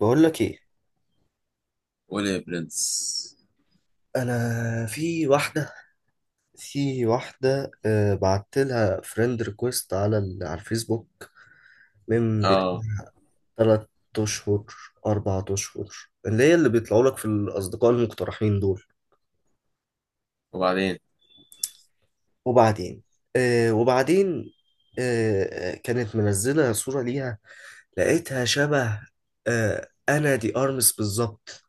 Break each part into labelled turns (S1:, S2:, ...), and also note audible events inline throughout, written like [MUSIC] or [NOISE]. S1: بقول لك ايه؟
S2: قول يا برنس.
S1: انا في واحده بعت لها فريند ريكويست على الفيسبوك من
S2: اه،
S1: 3 اشهر، 4 اشهر، اللي هي اللي بيطلعوا لك في الاصدقاء المقترحين دول.
S2: وبعدين؟
S1: وبعدين وبعدين. كانت منزله صوره ليها، لقيتها شبه انا دي ارمس بالظبط.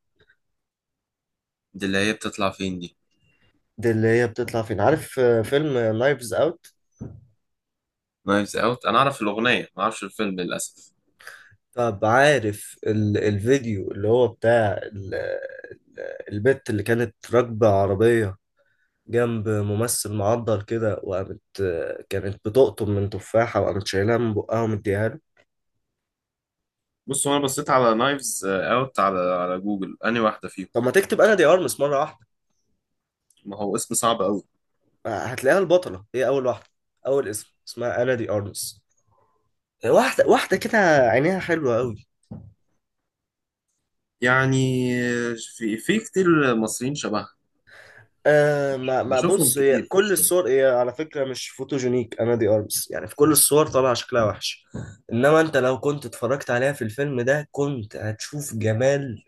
S2: دي اللي هي بتطلع فين دي؟
S1: دي اللي هي بتطلع فين؟ عارف فيلم نايفز اوت.
S2: نايفز اوت، انا اعرف الاغنيه ما اعرفش الفيلم للاسف.
S1: طب عارف الفيديو اللي هو بتاع البت اللي كانت راكبة عربية جنب ممثل معضل كده؟ وقامت، كانت بتقطم من تفاحة وقامت شايلها من بقها ومديها له.
S2: بص، هو انا بصيت على نايفز اوت على جوجل انهي واحده فيهم.
S1: طب ما تكتب أنا دي أرمس مرة واحدة،
S2: ما هو اسم صعب قوي.
S1: هتلاقيها البطلة، هي أول واحدة، أول اسم اسمها أنا دي أرمس. واحدة واحدة كده، عينيها حلوة أوي.
S2: يعني في كتير مصريين شبهها.
S1: آه ما ما
S2: بشوفهم
S1: بص، هي
S2: كتير في
S1: كل
S2: الشارع.
S1: الصور هي على فكرة مش فوتوجينيك أنا دي أرمس، يعني في كل الصور طالعة شكلها وحش. إنما أنت لو كنت اتفرجت عليها في الفيلم ده كنت هتشوف جمال.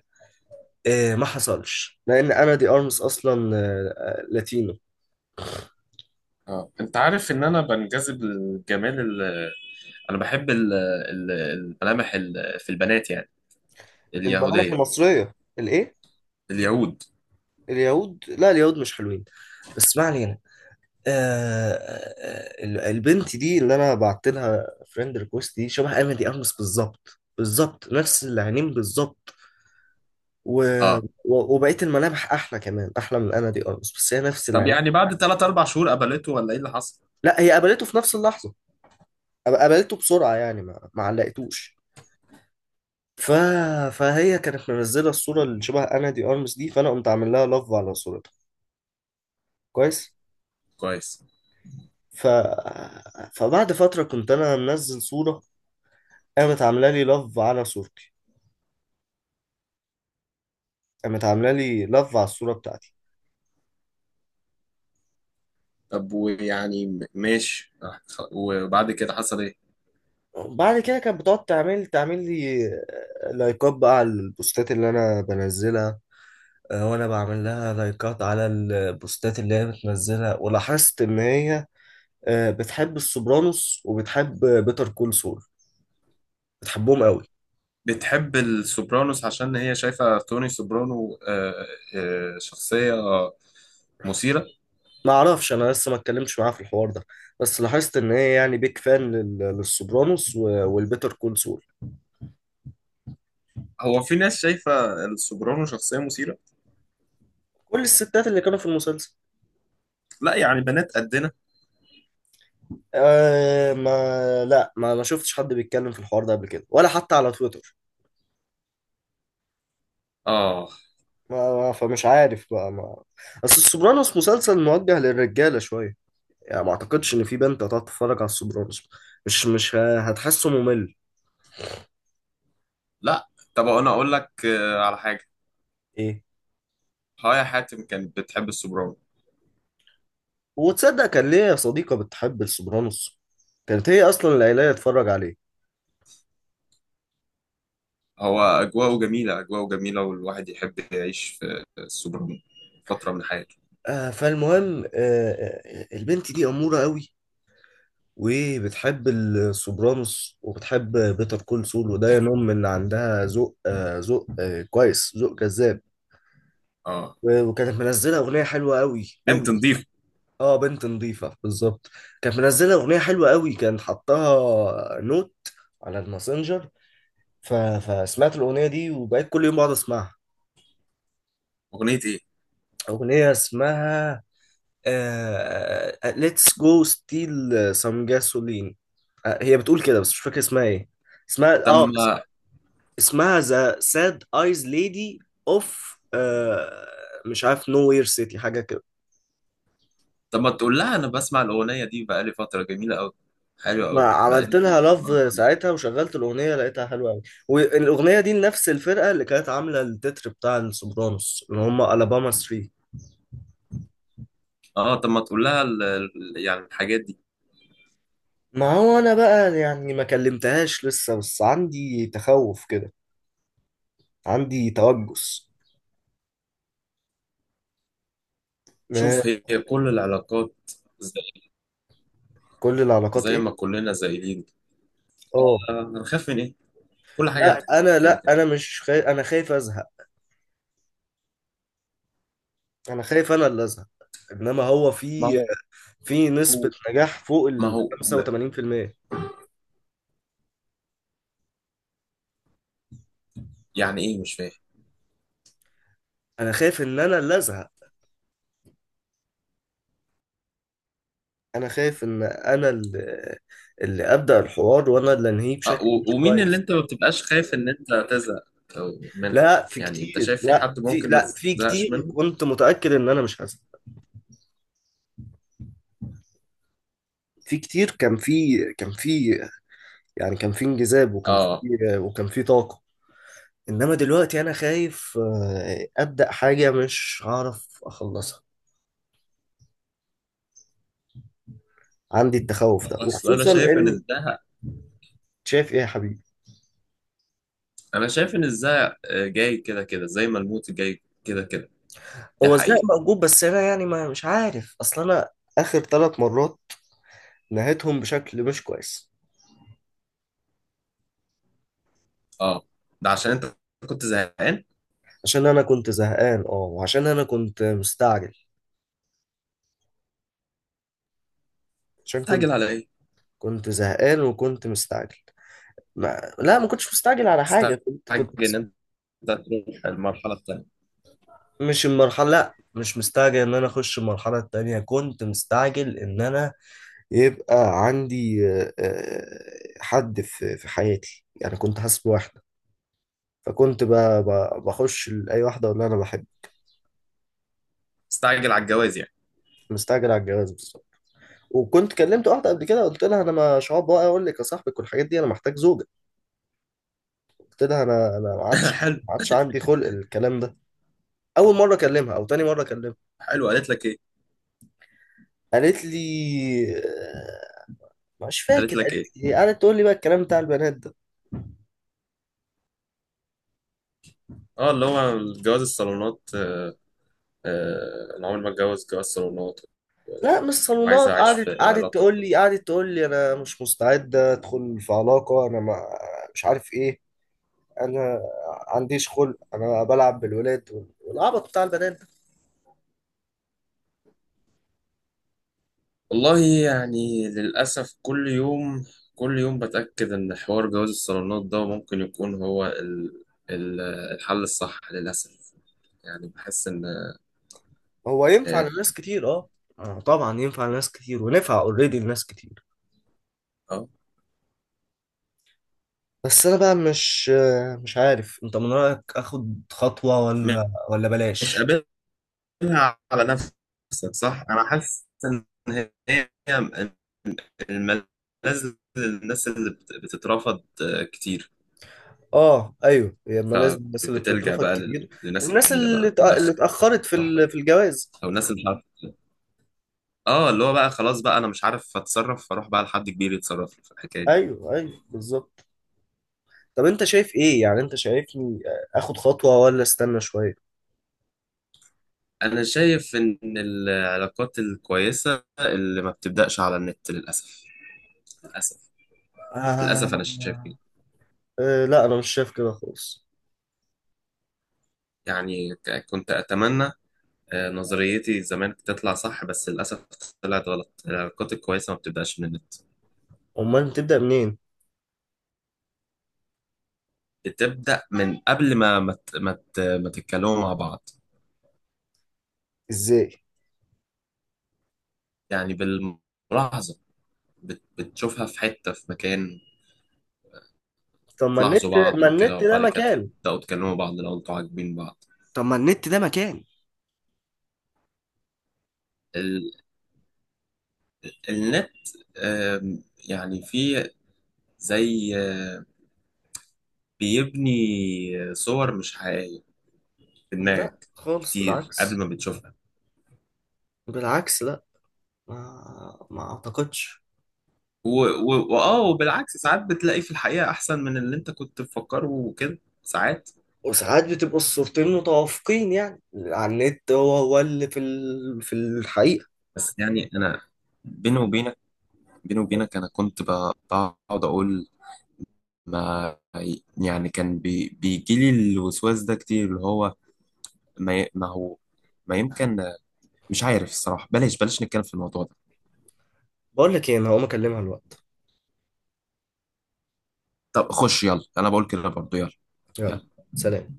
S1: ما حصلش لأن أنا دي أرمس أصلا لاتينو.
S2: اه، انت عارف ان انا بنجذب للجمال، انا بحب الملامح في البنات يعني،
S1: الملامح
S2: اليهوديه.
S1: المصرية؟ الإيه؟
S2: اليهود.
S1: اليهود؟ لا، اليهود مش حلوين، بس ما علينا. البنت دي اللي أنا بعت لها فريند ريكوست دي شبه أنا دي أرمس بالظبط بالظبط، نفس العينين بالظبط. و...
S2: اه.
S1: و... وبقيت الملامح احلى كمان، احلى من انا دي ارمس، بس هي نفس
S2: طب
S1: العين.
S2: يعني بعد 3 4 شهور قبلته ولا ايه اللي حصل؟
S1: لا، هي قابلته في نفس اللحظه. قابلته بسرعه، يعني ما علقتوش. ف... فهي كانت منزله الصوره اللي شبه انا دي ارمس دي، فانا قمت عامل لها لاف على صورتها. كويس.
S2: كويس.
S1: ف... فبعد فتره كنت انا منزل صوره، قامت عامله لي لاف على صورتي، قامت عامله لي لاف على الصوره بتاعتي.
S2: طب، ويعني ماشي، وبعد كده حصل ايه؟
S1: بعد كده كانت بتقعد تعمل لي لايكات بقى على البوستات اللي انا بنزلها، وانا بعمل لها لايكات على البوستات اللي هي بتنزلها. ولاحظت ان هي بتحب السوبرانوس، وبتحب بيتر كول سول، بتحبهم قوي.
S2: بتحب السوبرانوس عشان هي شايفة توني سوبرانو، شخصية مثيرة.
S1: ما اعرفش، انا لسه ما اتكلمتش معاها في الحوار ده، بس لاحظت ان هي يعني بيك فان لل- للسوبرانوس و- والبيتر كول سول.
S2: هو في ناس شايفة السوبرانو شخصية مثيرة.
S1: كل الستات اللي كانوا في المسلسل.
S2: لا يعني بنات قدنا.
S1: أه ما لا، ما شفتش حد بيتكلم في الحوار ده قبل كده ولا حتى على تويتر.
S2: اه.
S1: ما ما- فمش عارف بقى ما اصل السوبرانوس مسلسل موجه للرجاله شويه، يعني ما اعتقدش ان في بنت هتقعد تتفرج على السوبرانوس، مش هتحسه ممل.
S2: لا. طب، انا اقول لك على حاجة.
S1: ايه؟
S2: هايا حاتم كانت بتحب السوبرانو.
S1: وتصدق كان ليا صديقة بتحب السوبرانوس، كانت هي اصلا اللي قايله لي اتفرج عليه.
S2: هو اجواءه جميلة، اجواءه جميلة، والواحد يحب يعيش في السوبرانو فترة من حياته.
S1: فالمهم البنت دي اموره قوي، وبتحب السوبرانوس، وبتحب بيتر كول سول، وده ينم ان عندها ذوق ذوق كويس، ذوق جذاب.
S2: اه،
S1: و- وكانت منزله اغنيه حلوه قوي قوي.
S2: بنت نضيفة.
S1: اه، بنت نظيفة بالظبط. كانت منزلة أغنية حلوة قوي، كان حطها نوت على الماسنجر. ف... فسمعت الأغنية دي وبقيت كل يوم بقعد أسمعها.
S2: اغنية ايه؟
S1: أغنية اسمها Let's go steal some gasoline. آه هي بتقول كده بس مش فاكر اسمها ايه. اسمها
S2: تم.
S1: اسمها The Sad Eyes Lady of آه... مش عارف Nowhere City، حاجة كده.
S2: طب ما تقول لها انا بسمع الاغنيه دي بقالي فتره جميله قوي، حلوه
S1: ما
S2: قوي
S1: عملت
S2: بقالي.
S1: لها لاف ساعتها وشغلت الاغنيه، لقيتها حلوه قوي. والاغنيه دي نفس الفرقه اللي كانت عامله التتر بتاع السوبرانوس، اللي هم الاباما 3.
S2: اه، طب ما تقول لها يعني الحاجات دي.
S1: ما هو انا بقى يعني ما كلمتهاش لسه، بس عندي تخوف كده، عندي توجس. ما-
S2: شوف، هي كل العلاقات زي,
S1: كل العلاقات
S2: زي
S1: ايه؟
S2: ما كلنا زايلين.
S1: اه،
S2: هنخاف من ايه؟ كل حاجه
S1: لا،
S2: هتنتهي
S1: انا
S2: كده
S1: لا
S2: كده.
S1: انا مش خايف، انا خايف ازهق، انا خايف انا اللي ازهق. انما هو
S2: ما
S1: في
S2: هو
S1: نسبة نجاح فوق
S2: ما
S1: ال
S2: هو
S1: 85%.
S2: يعني ايه مش فاهم؟
S1: انا خايف ان انا اللي ازهق، انا خايف ان انا اللي ابدا الحوار وانا اللي انهيه بشكل مش
S2: ومين اللي
S1: كويس.
S2: انت ما بتبقاش خايف ان انت تزهق منها؟
S1: لا في
S2: يعني انت
S1: كتير،
S2: شايف في
S1: لا
S2: حد
S1: في
S2: ممكن ما
S1: لا في
S2: تزهقش
S1: كتير.
S2: منه؟
S1: كنت متاكد ان انا مش هسمع. في كتير، كان في، يعني كان في انجذاب، وكان في
S2: اه.
S1: وكان في طاقه. انما دلوقتي انا خايف ابدا حاجه مش هعرف اخلصها، عندي التخوف ده
S2: اصل انا
S1: وخصوصا
S2: شايف
S1: ان...
S2: ان ده،
S1: شايف ايه يا حبيبي؟
S2: انا شايف ان الزهق جاي كده كده زي ما الموت جاي كده كده. دي
S1: هو ازاي
S2: حقيقة.
S1: موجود، بس انا يعني ما مش عارف، اصل انا اخر 3 مرات نهيتهم بشكل مش كويس.
S2: اه، ده عشان انت كنت زهقان.
S1: عشان انا كنت زهقان، اه، وعشان انا كنت مستعجل، عشان كنت
S2: تستعجل على ايه؟
S1: كنت زهقان وكنت مستعجل. ما... لا، ما كنتش مستعجل على حاجة،
S2: تستعجل
S1: كنت
S2: ان انت تروح المرحلة التانية.
S1: مش المرحلة، لا، مش مستعجل ان انا اخش المرحلة التانية، كنت مستعجل ان انا يبقى عندي حد في حياتي، يعني كنت حاسس بواحدة، فكنت ب... ب... بخش لأي واحدة اقول لها انا بحب.
S2: تستعجل على الجواز يعني.
S1: مستعجل على الجواز بالظبط. وكنت كلمت واحدة قبل كده، قلت لها انا مش هقعد بقى اقول لك يا صاحبك والحاجات دي، انا محتاج زوجة. قلت لها انا ما
S2: [LAUGHS]
S1: عادش
S2: حلو.
S1: ما عادش عندي خلق الكلام ده. اول مره اكلمها او تاني مره اكلمها.
S2: حلو، قالت لك ايه؟
S1: قالت لي مش
S2: قالت
S1: فاكر
S2: لك ايه؟
S1: قالت لي إيه. قعدت تقول لي بقى الكلام بتاع البنات ده.
S2: اه، اللي هو جواز الصالونات. انا عمري ما اتجوز جواز صالونات. آه،
S1: لا، مش
S2: وعايز
S1: صالونات،
S2: اعيش في
S1: قعدت قعدت
S2: علاقة.
S1: تقول لي قعدت تقول لي انا مش مستعده ادخل في علاقه، انا ما... مش عارف ايه، انا عنديش خلق انا بلعب بالولاد وال- والعبط بتاع البنات ده.
S2: والله، يعني للأسف، كل يوم كل يوم بتأكد إن حوار جواز الصالونات ده ممكن يكون هو ال- الحل الصح للأسف. يعني بحس إن،
S1: هو ينفع لناس كتير، اه، طبعا ينفع لناس كتير، ونفع اوريدي لناس كتير.
S2: آه
S1: بس انا بقى مش عارف انت من رأيك اخد خطوة ولا
S2: مش،
S1: بلاش.
S2: قابلها على نفسك. صح، أنا حاسس إن هي الملاذ للناس اللي بتترفض كتير.
S1: اه، ايوه، هي اما لازم الناس اللي
S2: فبتلجأ
S1: بتترفض
S2: بقى
S1: كتير،
S2: للناس
S1: والناس
S2: الكبيرة بقى
S1: اللي
S2: تدخل.
S1: اتأخرت في في الجواز.
S2: أو الناس اللي اه، اللي هو بقى خلاص بقى انا مش عارف اتصرف، فاروح بقى لحد كبير يتصرف لي في الحكايه دي.
S1: ايوه، ايوه، بالظبط. طب انت شايف ايه؟ يعني انت شايفني اخد خطوة ولا استنى شوية؟
S2: انا شايف ان العلاقات الكويسه اللي ما بتبداش على النت، للاسف، للاسف.
S1: آه.
S2: للاسف انا شايف كده.
S1: أه، لا، انا مش شايف كده خالص.
S2: يعني كنت اتمنى نظريتي زمان تطلع صح، بس للاسف طلعت غلط. العلاقات الكويسه ما بتبداش من النت.
S1: امال تبدأ منين؟
S2: بتبدا من قبل ما تتكلموا مع بعض.
S1: ازاي؟
S2: يعني بالملاحظه، بتشوفها في حته في مكان.
S1: طب ما النت
S2: تلاحظوا بعض
S1: ما
S2: وكده،
S1: النت ده
S2: وبعد كده
S1: مكان؟
S2: تبدأوا تكلموا بعض لو انتوا عاجبين بعض.
S1: طب ما النت ده مكان.
S2: ال... النت، يعني في زي، بيبني صور مش حقيقية في
S1: لا،
S2: دماغك
S1: خالص،
S2: كتير قبل
S1: بالعكس،
S2: ما بتشوفها.
S1: بالعكس، لا، ما اعتقدش.
S2: و... و... وآه وبالعكس ساعات بتلاقي في الحقيقة أحسن من اللي انت كنت مفكره، وكده ساعات.
S1: وساعات بتبقوا الصورتين متوافقين، يعني على النت هو هو اللي في في الحقيقة.
S2: بس يعني أنا، بيني وبينك، بيني وبينك أنا كنت بقعد أقول، ما، يعني كان بيجيلي الوسواس ده كتير، اللي هو ما هو، ما يمكن، مش عارف، الصراحة بلاش بلاش نتكلم في الموضوع ده.
S1: بقول لك ايه، انا هقوم اكلمها الوقت.
S2: طب خش، يلا انا بقول كده برضه، يلا.
S1: يلا.
S2: يلا.
S1: سلام.